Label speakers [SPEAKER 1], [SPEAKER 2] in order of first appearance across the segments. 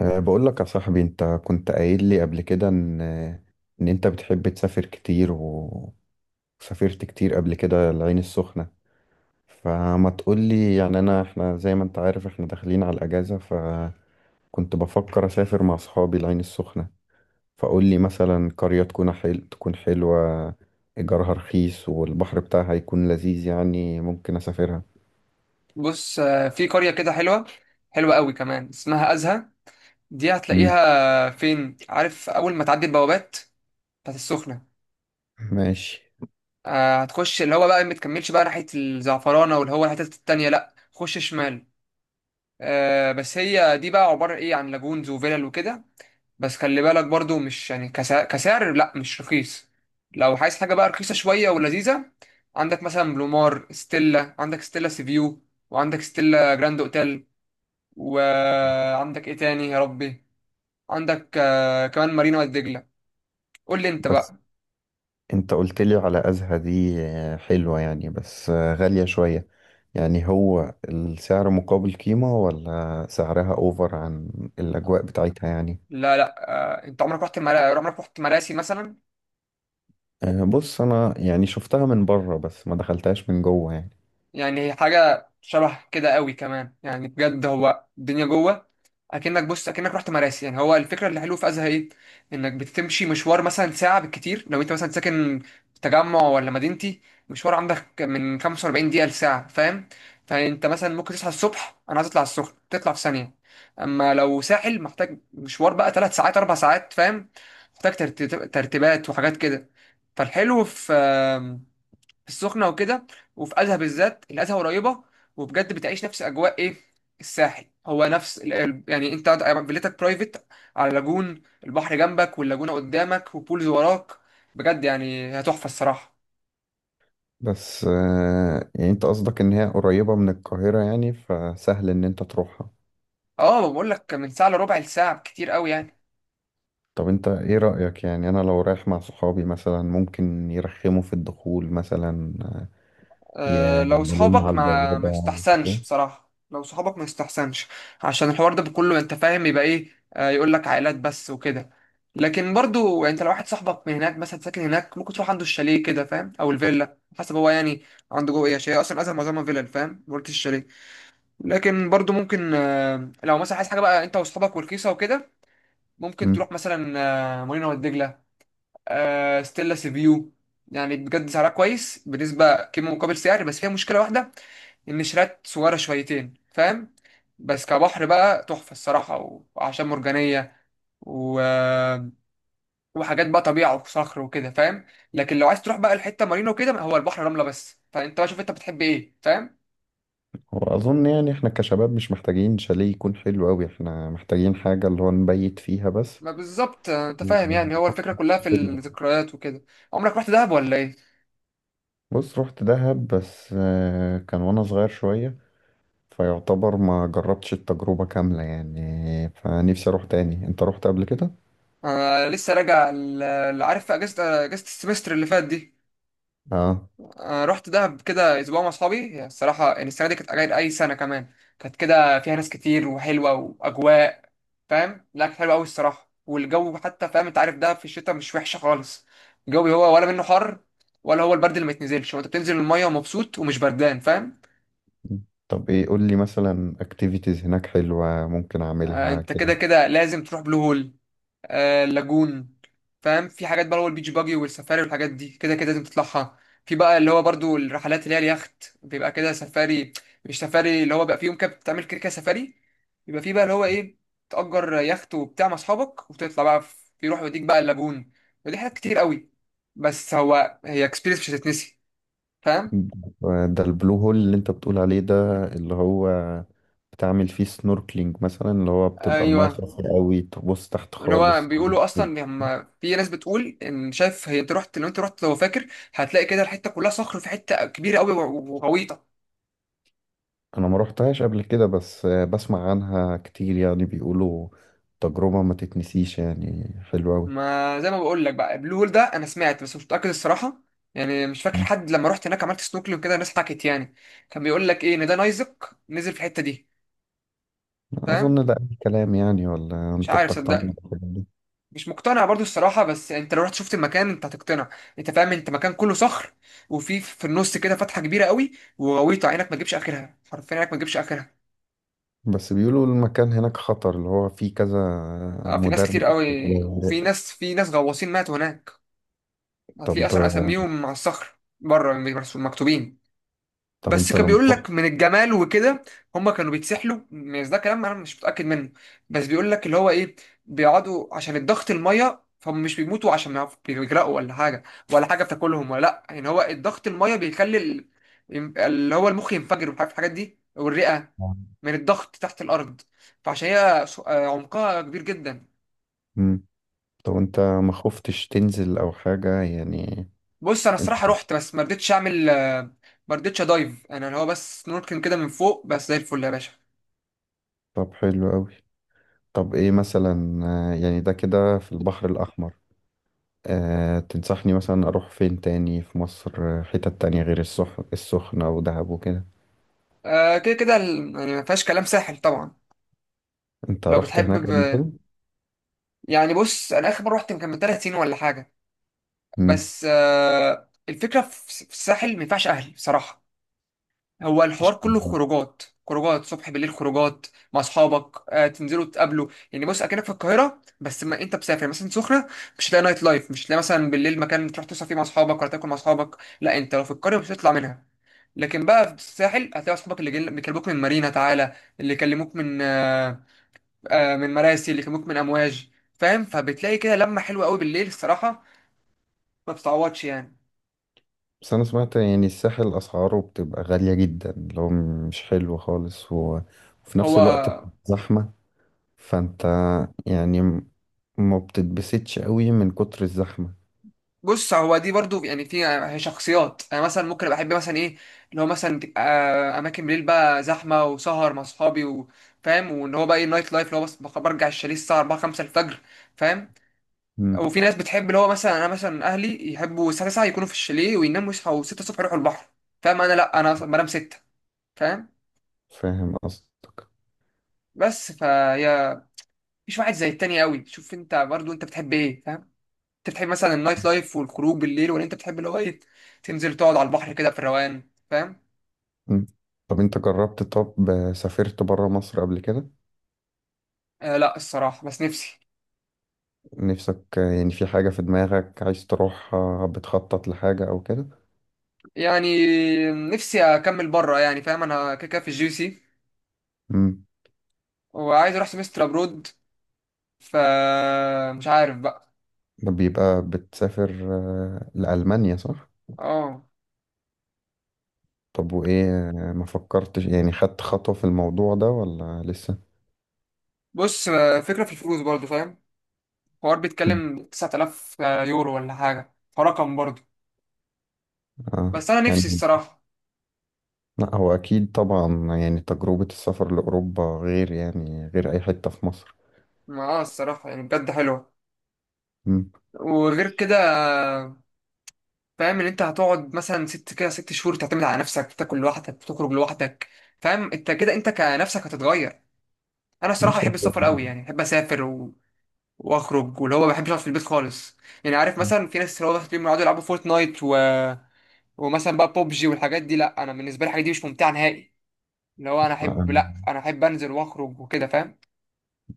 [SPEAKER 1] أه بقول لك يا صاحبي، انت كنت قايل لي قبل كده ان انت بتحب تسافر كتير وسافرت كتير قبل كده العين السخنة. فما تقول لي، يعني انا احنا زي ما انت عارف احنا داخلين على الاجازة، فكنت بفكر اسافر مع اصحابي العين السخنة. فقول لي مثلا قرية تكون تكون حلوة، ايجارها رخيص والبحر بتاعها يكون لذيذ، يعني ممكن اسافرها.
[SPEAKER 2] بص، آه، في قرية كده حلوة، حلوة قوي كمان، اسمها أزهى. دي
[SPEAKER 1] مم.
[SPEAKER 2] هتلاقيها فين؟ عارف أول ما تعدي البوابات بتاعت السخنة،
[SPEAKER 1] ماشي.
[SPEAKER 2] آه، هتخش اللي هو بقى ما تكملش بقى ناحية الزعفرانة واللي هو الحتت التانية، لأ خش شمال. آه، بس هي دي بقى عبارة إيه عن لاجونز وفيلل وكده. بس خلي بالك برضو، مش يعني كسعر لأ مش رخيص. لو عايز حاجة بقى رخيصة شوية ولذيذة، عندك مثلا بلومار ستيلا، عندك ستيلا سيفيو، وعندك ستيلا جراند اوتيل، وعندك ايه تاني يا ربي؟ عندك كمان مارينا والدجله. قول لي انت
[SPEAKER 1] بس
[SPEAKER 2] بقى.
[SPEAKER 1] انت قلت لي على أزهى دي، آه، حلوة يعني، بس غالية شوية. يعني هو السعر مقابل قيمة، ولا سعرها اوفر عن الأجواء بتاعتها يعني؟
[SPEAKER 2] لا لا. آه، انت عمرك رحت عمرك رحت مراسي مثلا؟
[SPEAKER 1] بص أنا يعني شفتها من بره بس ما دخلتهاش من جوه يعني.
[SPEAKER 2] يعني هي حاجة شبه كده قوي كمان، يعني بجد هو الدنيا جوه اكنك، بص اكنك رحت مراسي. يعني هو الفكرة اللي حلوه في ازها ايه؟ انك بتمشي مشوار مثلا ساعة بالكتير لو انت مثلا ساكن في تجمع ولا مدينتي. مشوار عندك من 45 دقيقة لساعة، فاهم؟ فانت مثلا ممكن تصحى الصبح، انا عايز اطلع السخنة تطلع في ثانية. اما لو ساحل محتاج مشوار بقى ثلاث ساعات اربع ساعات، فاهم؟ محتاج ترتيبات وحاجات كده. فالحلو في في السخنة وكده، وفي أزهى بالذات، الأزهى قريبة وبجد بتعيش نفس أجواء إيه، الساحل. هو نفس يعني أنت فيلتك برايفت على لاجون، البحر جنبك واللاجونة قدامك وبولز وراك. بجد يعني هي تحفة الصراحة.
[SPEAKER 1] بس يعني انت قصدك ان هي قريبة من القاهرة، يعني فسهل ان انت تروحها.
[SPEAKER 2] اه، بقول لك من ساعة لربع الساعة كتير قوي يعني.
[SPEAKER 1] طب انت ايه رأيك؟ يعني انا لو رايح مع صحابي مثلا ممكن يرخموا في الدخول مثلا؟
[SPEAKER 2] أه لو
[SPEAKER 1] يقولوا لي
[SPEAKER 2] صحابك،
[SPEAKER 1] على
[SPEAKER 2] ما
[SPEAKER 1] البوابة؟
[SPEAKER 2] يستحسنش بصراحة، لو صحابك ما يستحسنش عشان الحوار ده كله، انت فاهم يبقى ايه. أه يقول لك عائلات بس وكده. لكن برضو يعني انت لو واحد صاحبك من هناك مثلا ساكن هناك، ممكن تروح عنده الشاليه كده فاهم، او الفيلا حسب هو يعني عنده جوه ايه، شاليه. اصلا اصلا معظمها فيلا فاهم، ما قلتش الشاليه. لكن برضو ممكن، أه، لو مثلا عايز حاجة بقى انت واصحابك والكيسة وكده، ممكن تروح مثلا أه مارينا والدجلة، أه ستيلا سيفيو. يعني بجد سعرها كويس بالنسبة كم مقابل سعر، بس فيها مشكلة واحدة، النشرات صغيرة شويتين، فاهم؟ بس كبحر بقى تحفة الصراحة، وأعشاب مرجانية و... وحاجات بقى طبيعة وصخر وكده، فاهم. لكن لو عايز تروح بقى الحتة مارينا وكده، هو البحر رملة بس، فأنت بقى شوف أنت بتحب إيه فاهم.
[SPEAKER 1] هو أظن يعني إحنا كشباب مش محتاجين شاليه يكون حلو أوي، إحنا محتاجين حاجة اللي هو نبيت فيها بس.
[SPEAKER 2] ما بالظبط أنت فاهم، يعني هو الفكرة كلها في الذكريات وكده. عمرك رحت دهب ولا إيه؟
[SPEAKER 1] بص رحت دهب، بس كان وأنا صغير شوية، فيعتبر ما جربتش التجربة كاملة يعني، فنفسي أروح تاني. أنت رحت قبل كده؟
[SPEAKER 2] أنا لسه راجع عارف في أجازة، أجازة السمستر اللي فات دي.
[SPEAKER 1] آه.
[SPEAKER 2] آه، رحت دهب كده اسبوع مع اصحابي. هي الصراحه يعني السنه دي كانت غير اي سنه كمان، كانت كده فيها ناس كتير وحلوه واجواء، فاهم. لا كانت حلوه قوي الصراحه، والجو حتى فاهم، انت عارف دهب في الشتاء مش وحشه خالص. الجو هو ولا منه حر ولا هو البرد اللي ما يتنزلش. هو انت بتنزل الميه ومبسوط ومش بردان فاهم.
[SPEAKER 1] طب إيه قول لي مثلا أكتيفيتيز هناك حلوة ممكن
[SPEAKER 2] آه،
[SPEAKER 1] أعملها
[SPEAKER 2] انت كده
[SPEAKER 1] كده؟
[SPEAKER 2] كده لازم تروح بلو هول، آه اللاجون فاهم. في حاجات بقى اللي هو البيتش باجي والسفاري والحاجات دي كده كده لازم تطلعها. في بقى اللي هو برضو الرحلات، اللي هي اليخت بيبقى كده سفاري، مش سفاري اللي هو بقى في يوم كده بتعمل كده كده سفاري. يبقى في بقى اللي هو ايه، تأجر يخت وبتاع مع اصحابك وتطلع بقى في، يروح يوديك بقى اللاجون. ودي حاجات كتير قوي، بس هو هي اكسبيرينس مش هتتنسي، فاهم.
[SPEAKER 1] ده البلو هول اللي أنت بتقول عليه ده اللي هو بتعمل فيه سنوركلينج مثلا، اللي هو بتبقى المايه
[SPEAKER 2] ايوه،
[SPEAKER 1] صافية قوي تبص تحت
[SPEAKER 2] ان هو
[SPEAKER 1] خالص؟
[SPEAKER 2] بيقولوا اصلا، هم في ناس بتقول ان شايف هي، انت رحت لو انت رحت لو فاكر، هتلاقي كده الحته كلها صخر، في حته كبيره قوي وغويطه.
[SPEAKER 1] انا ما روحتهاش قبل كده، بس بسمع عنها كتير، يعني بيقولوا تجربة ما تتنسيش يعني، حلوة قوي.
[SPEAKER 2] ما زي ما بقول لك بقى، البلو هول ده انا سمعت بس مش متاكد الصراحه، يعني مش فاكر حد لما رحت هناك عملت سنوكلينج كده، الناس حكت يعني. كان بيقول لك ايه، ان ده نايزك نزل في الحته دي،
[SPEAKER 1] اظن
[SPEAKER 2] فاهم.
[SPEAKER 1] ده اي كلام يعني، ولا
[SPEAKER 2] مش
[SPEAKER 1] انت
[SPEAKER 2] عارف
[SPEAKER 1] بتقتنع
[SPEAKER 2] صدقني،
[SPEAKER 1] بالحاجات دي؟
[SPEAKER 2] مش مقتنع برضو الصراحه، بس انت لو رحت شفت المكان انت هتقتنع. انت فاهم، انت مكان كله صخر، وفي في النص كده فتحه كبيره قوي وغويطه، عينك ما تجيبش اخرها، حرفيا عينك ما تجيبش اخرها.
[SPEAKER 1] بس بيقولوا المكان هناك خطر، اللي هو فيه كذا
[SPEAKER 2] اه، في ناس
[SPEAKER 1] مدرب
[SPEAKER 2] كتير
[SPEAKER 1] قبل كده
[SPEAKER 2] قوي، وفي
[SPEAKER 1] غرق.
[SPEAKER 2] ناس، في ناس غواصين ماتوا هناك. هتلاقي
[SPEAKER 1] طب،
[SPEAKER 2] اصلا اساميهم على الصخر بره مش مكتوبين.
[SPEAKER 1] طب
[SPEAKER 2] بس
[SPEAKER 1] انت
[SPEAKER 2] كان
[SPEAKER 1] لما
[SPEAKER 2] بيقول
[SPEAKER 1] رحت.
[SPEAKER 2] لك من الجمال وكده هم كانوا بيتسحلوا، بس ده كلام انا مش متاكد منه. بس بيقول لك اللي هو ايه، بيقعدوا عشان الضغط الميه، فهم مش بيموتوا عشان ما بيغرقوا ولا حاجه، ولا حاجه بتاكلهم ولا لا، يعني هو الضغط الميه بيخلي اللي هو المخ ينفجر وحاجات، الحاجات دي والرئه، من الضغط تحت الارض. فعشان هي عمقها كبير جدا.
[SPEAKER 1] مم. طب انت ما خفتش تنزل او حاجة يعني؟
[SPEAKER 2] بص انا
[SPEAKER 1] انت.
[SPEAKER 2] الصراحه رحت بس ما رضيتش اعمل، ما رضيتش ادايف. انا اللي هو بس سنوركلينج كده من فوق بس، زي الفل يا باشا.
[SPEAKER 1] طب حلو قوي. طب ايه مثلا، آه، يعني ده كده في البحر الأحمر، أه تنصحني مثلا أروح فين تاني في مصر؟ حتت تانية غير السخنة ودهب وكده؟
[SPEAKER 2] آه كده كده يعني ما فيهاش كلام ساحل طبعا.
[SPEAKER 1] انت
[SPEAKER 2] لو
[SPEAKER 1] رحت
[SPEAKER 2] بتحب
[SPEAKER 1] هناك قبل كده؟
[SPEAKER 2] يعني بص انا اخر مره رحت كان من ثلاث سنين ولا حاجه.
[SPEAKER 1] مم.
[SPEAKER 2] بس آه الفكره في في الساحل ما ينفعش اهلي بصراحه. هو الحوار
[SPEAKER 1] مش-
[SPEAKER 2] كله خروجات، خروجات صبح بالليل خروجات مع اصحابك، آه تنزلوا تقابلوا يعني. بص اكنك في القاهره بس ما انت مسافر مثلا سخنه، مش هتلاقي نايت لايف، مش هتلاقي مثلا بالليل مكان تروح تسهر فيه مع اصحابك ولا تاكل مع اصحابك. لا انت لو في القريه مش هتطلع منها. لكن بقى في الساحل هتلاقي اصحابك اللي بيكلموك من مارينا، تعالى اللي يكلموك من آه، آه من مراسي، اللي يكلموك من امواج، فاهم. فبتلاقي كده لمه حلوه قوي بالليل الصراحه، ما بتتعوضش يعني.
[SPEAKER 1] بس أنا سمعت يعني الساحل أسعاره بتبقى غالية جدا، لو مش حلو خالص وفي
[SPEAKER 2] هو
[SPEAKER 1] نفس الوقت زحمة، فانت يعني ما بتتبسطش قوي من كتر الزحمة.
[SPEAKER 2] بص، هو دي برضو يعني في هي شخصيات، انا مثلا ممكن ابقى احب مثلا ايه، اللي هو مثلا تبقى اماكن بالليل بقى زحمه وسهر مع اصحابي وفاهم، وان هو بقى ايه النايت لايف، اللي هو بس برجع الشاليه الساعه 4 5 الفجر فاهم.
[SPEAKER 1] مم.
[SPEAKER 2] وفي ناس بتحب اللي هو مثلا، انا مثلا اهلي يحبوا الساعه 9 يكونوا في الشاليه ويناموا، يصحوا 6 الصبح يروحوا البحر فاهم. انا لا، انا أصلاً بنام 6 فاهم.
[SPEAKER 1] فاهم قصدك.
[SPEAKER 2] بس فهي مش واحد زي التاني قوي، شوف انت برضو انت بتحب ايه فاهم. انت بتحب مثلا النايت لايف والخروج بالليل، ولا انت بتحب اللي هو ايه، تنزل تقعد على البحر كده في الروقان فاهم.
[SPEAKER 1] مم. طب انت جربت، طب سافرت برا مصر قبل كده؟
[SPEAKER 2] آه لا الصراحة، بس نفسي،
[SPEAKER 1] نفسك يعني في حاجة في دماغك عايز تروح، بتخطط لحاجة أو كده؟
[SPEAKER 2] يعني نفسي أكمل بره يعني فاهم. أنا كده كده في الجي سي،
[SPEAKER 1] امم.
[SPEAKER 2] وعايز أروح سمستر أبرود، ف مش عارف بقى.
[SPEAKER 1] بيبقى بتسافر، لألمانيا صح؟
[SPEAKER 2] اه
[SPEAKER 1] طب وإيه، ما فكرتش يعني خدت خطوة في الموضوع ده ولا لسه؟
[SPEAKER 2] بص، آه، فكرة في الفلوس برضو فاهم. الحوار
[SPEAKER 1] مم.
[SPEAKER 2] بيتكلم 9,000 يورو ولا حاجة، فرقم برضو.
[SPEAKER 1] آه.
[SPEAKER 2] بس أنا نفسي
[SPEAKER 1] يعني
[SPEAKER 2] الصراحة.
[SPEAKER 1] لا هو أكيد طبعا يعني تجربة السفر لأوروبا غير، يعني غير أي حتة في مصر.
[SPEAKER 2] ما اه الصراحة يعني بجد حلوة،
[SPEAKER 1] مم.
[SPEAKER 2] وغير كده آه، فاهم إن أنت هتقعد مثلا ست كده ست شهور تعتمد على نفسك، تاكل لوحدك، تخرج لوحدك فاهم. أنت كده أنت كنفسك هتتغير. انا الصراحه
[SPEAKER 1] ماشي.
[SPEAKER 2] بحب السفر قوي، يعني بحب اسافر واخرج، واللي هو ما بحبش اقعد في البيت خالص. يعني عارف، مثلا في ناس اللي هو بيقعدوا يلعبوا فورتنايت ومثلا بقى بوبجي والحاجات دي. لا انا بالنسبه لي الحاجات دي مش ممتعه نهائي. اللي هو انا احب، لا
[SPEAKER 1] آه،
[SPEAKER 2] انا احب انزل واخرج وكده فاهم.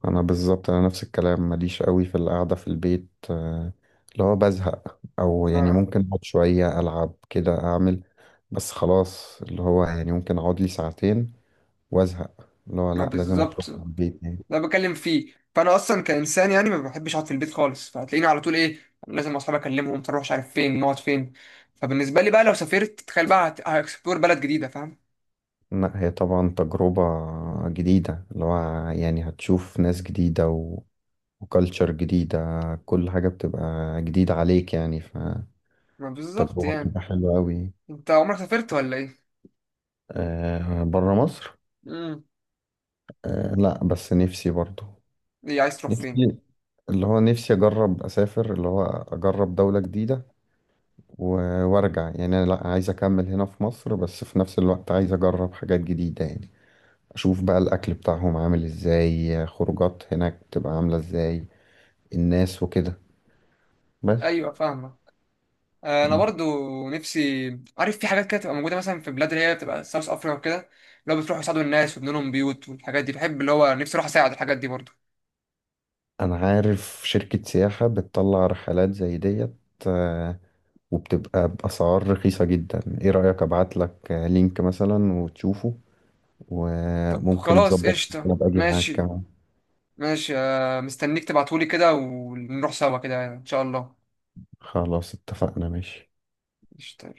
[SPEAKER 1] انا بالظبط انا نفس الكلام، ماليش قوي في القعده في البيت، اللي هو بزهق، او يعني
[SPEAKER 2] ما
[SPEAKER 1] ممكن اقعد شويه العب كده اعمل. بس خلاص، اللي هو يعني ممكن اقعد لي ساعتين وازهق، اللي هو
[SPEAKER 2] ما
[SPEAKER 1] لا، لازم اخرج
[SPEAKER 2] بالظبط،
[SPEAKER 1] من البيت يعني.
[SPEAKER 2] ده بكلم فيه، فانا اصلا كانسان يعني ما بحبش اقعد في البيت خالص، فهتلاقيني على طول ايه، لازم اصحابي اكلمهم، تروح مش عارف فين، نقعد فين. فبالنسبه لي بقى لو سافرت تخيل بقى هاكسبلور بلد جديده فاهم.
[SPEAKER 1] لا هي طبعا تجربه جديده، اللي هو يعني هتشوف ناس جديده وكالتشر جديده، كل حاجه بتبقى جديده عليك يعني،
[SPEAKER 2] ما بالظبط
[SPEAKER 1] فتجربه
[SPEAKER 2] يعني.
[SPEAKER 1] بتبقى حلوه قوي.
[SPEAKER 2] انت عمرك سافرت ولا
[SPEAKER 1] أه بره مصر.
[SPEAKER 2] ايه؟
[SPEAKER 1] أه لا، بس نفسي برضو.
[SPEAKER 2] إيه عايز تروح فين؟
[SPEAKER 1] نفسي، اللي هو نفسي اجرب اسافر، اللي هو اجرب دولة جديدة وارجع، يعني انا لا عايز اكمل هنا في مصر، بس في نفس الوقت عايز اجرب حاجات جديدة يعني، اشوف بقى الاكل بتاعهم عامل ازاي، خروجات هناك تبقى عاملة ازاي، الناس وكده بس.
[SPEAKER 2] ايوه فاهمه. انا
[SPEAKER 1] مم.
[SPEAKER 2] برضو نفسي. عارف في حاجات كده تبقى موجوده مثلا في بلاد اللي هي بتبقى ساوث افريقيا وكده، اللي هو بتروحوا يساعدوا الناس ويبنوا لهم بيوت والحاجات دي، بحب اللي هو نفسي اروح اساعد الحاجات دي برضو.
[SPEAKER 1] انا عارف شركة سياحة بتطلع رحلات زي ديت، آه، وبتبقى بأسعار رخيصة جدا. ايه رأيك ابعت لك لينك مثلا وتشوفه،
[SPEAKER 2] طب
[SPEAKER 1] وممكن
[SPEAKER 2] خلاص
[SPEAKER 1] نظبط، ممكن
[SPEAKER 2] قشطه
[SPEAKER 1] ابقى اجي معاك
[SPEAKER 2] ماشي.
[SPEAKER 1] كمان.
[SPEAKER 2] ماشي، آه، مستنيك تبعتولي كده، ونروح سوا كده ان شاء الله.
[SPEAKER 1] خلاص اتفقنا، ماشي.
[SPEAKER 2] قشطه.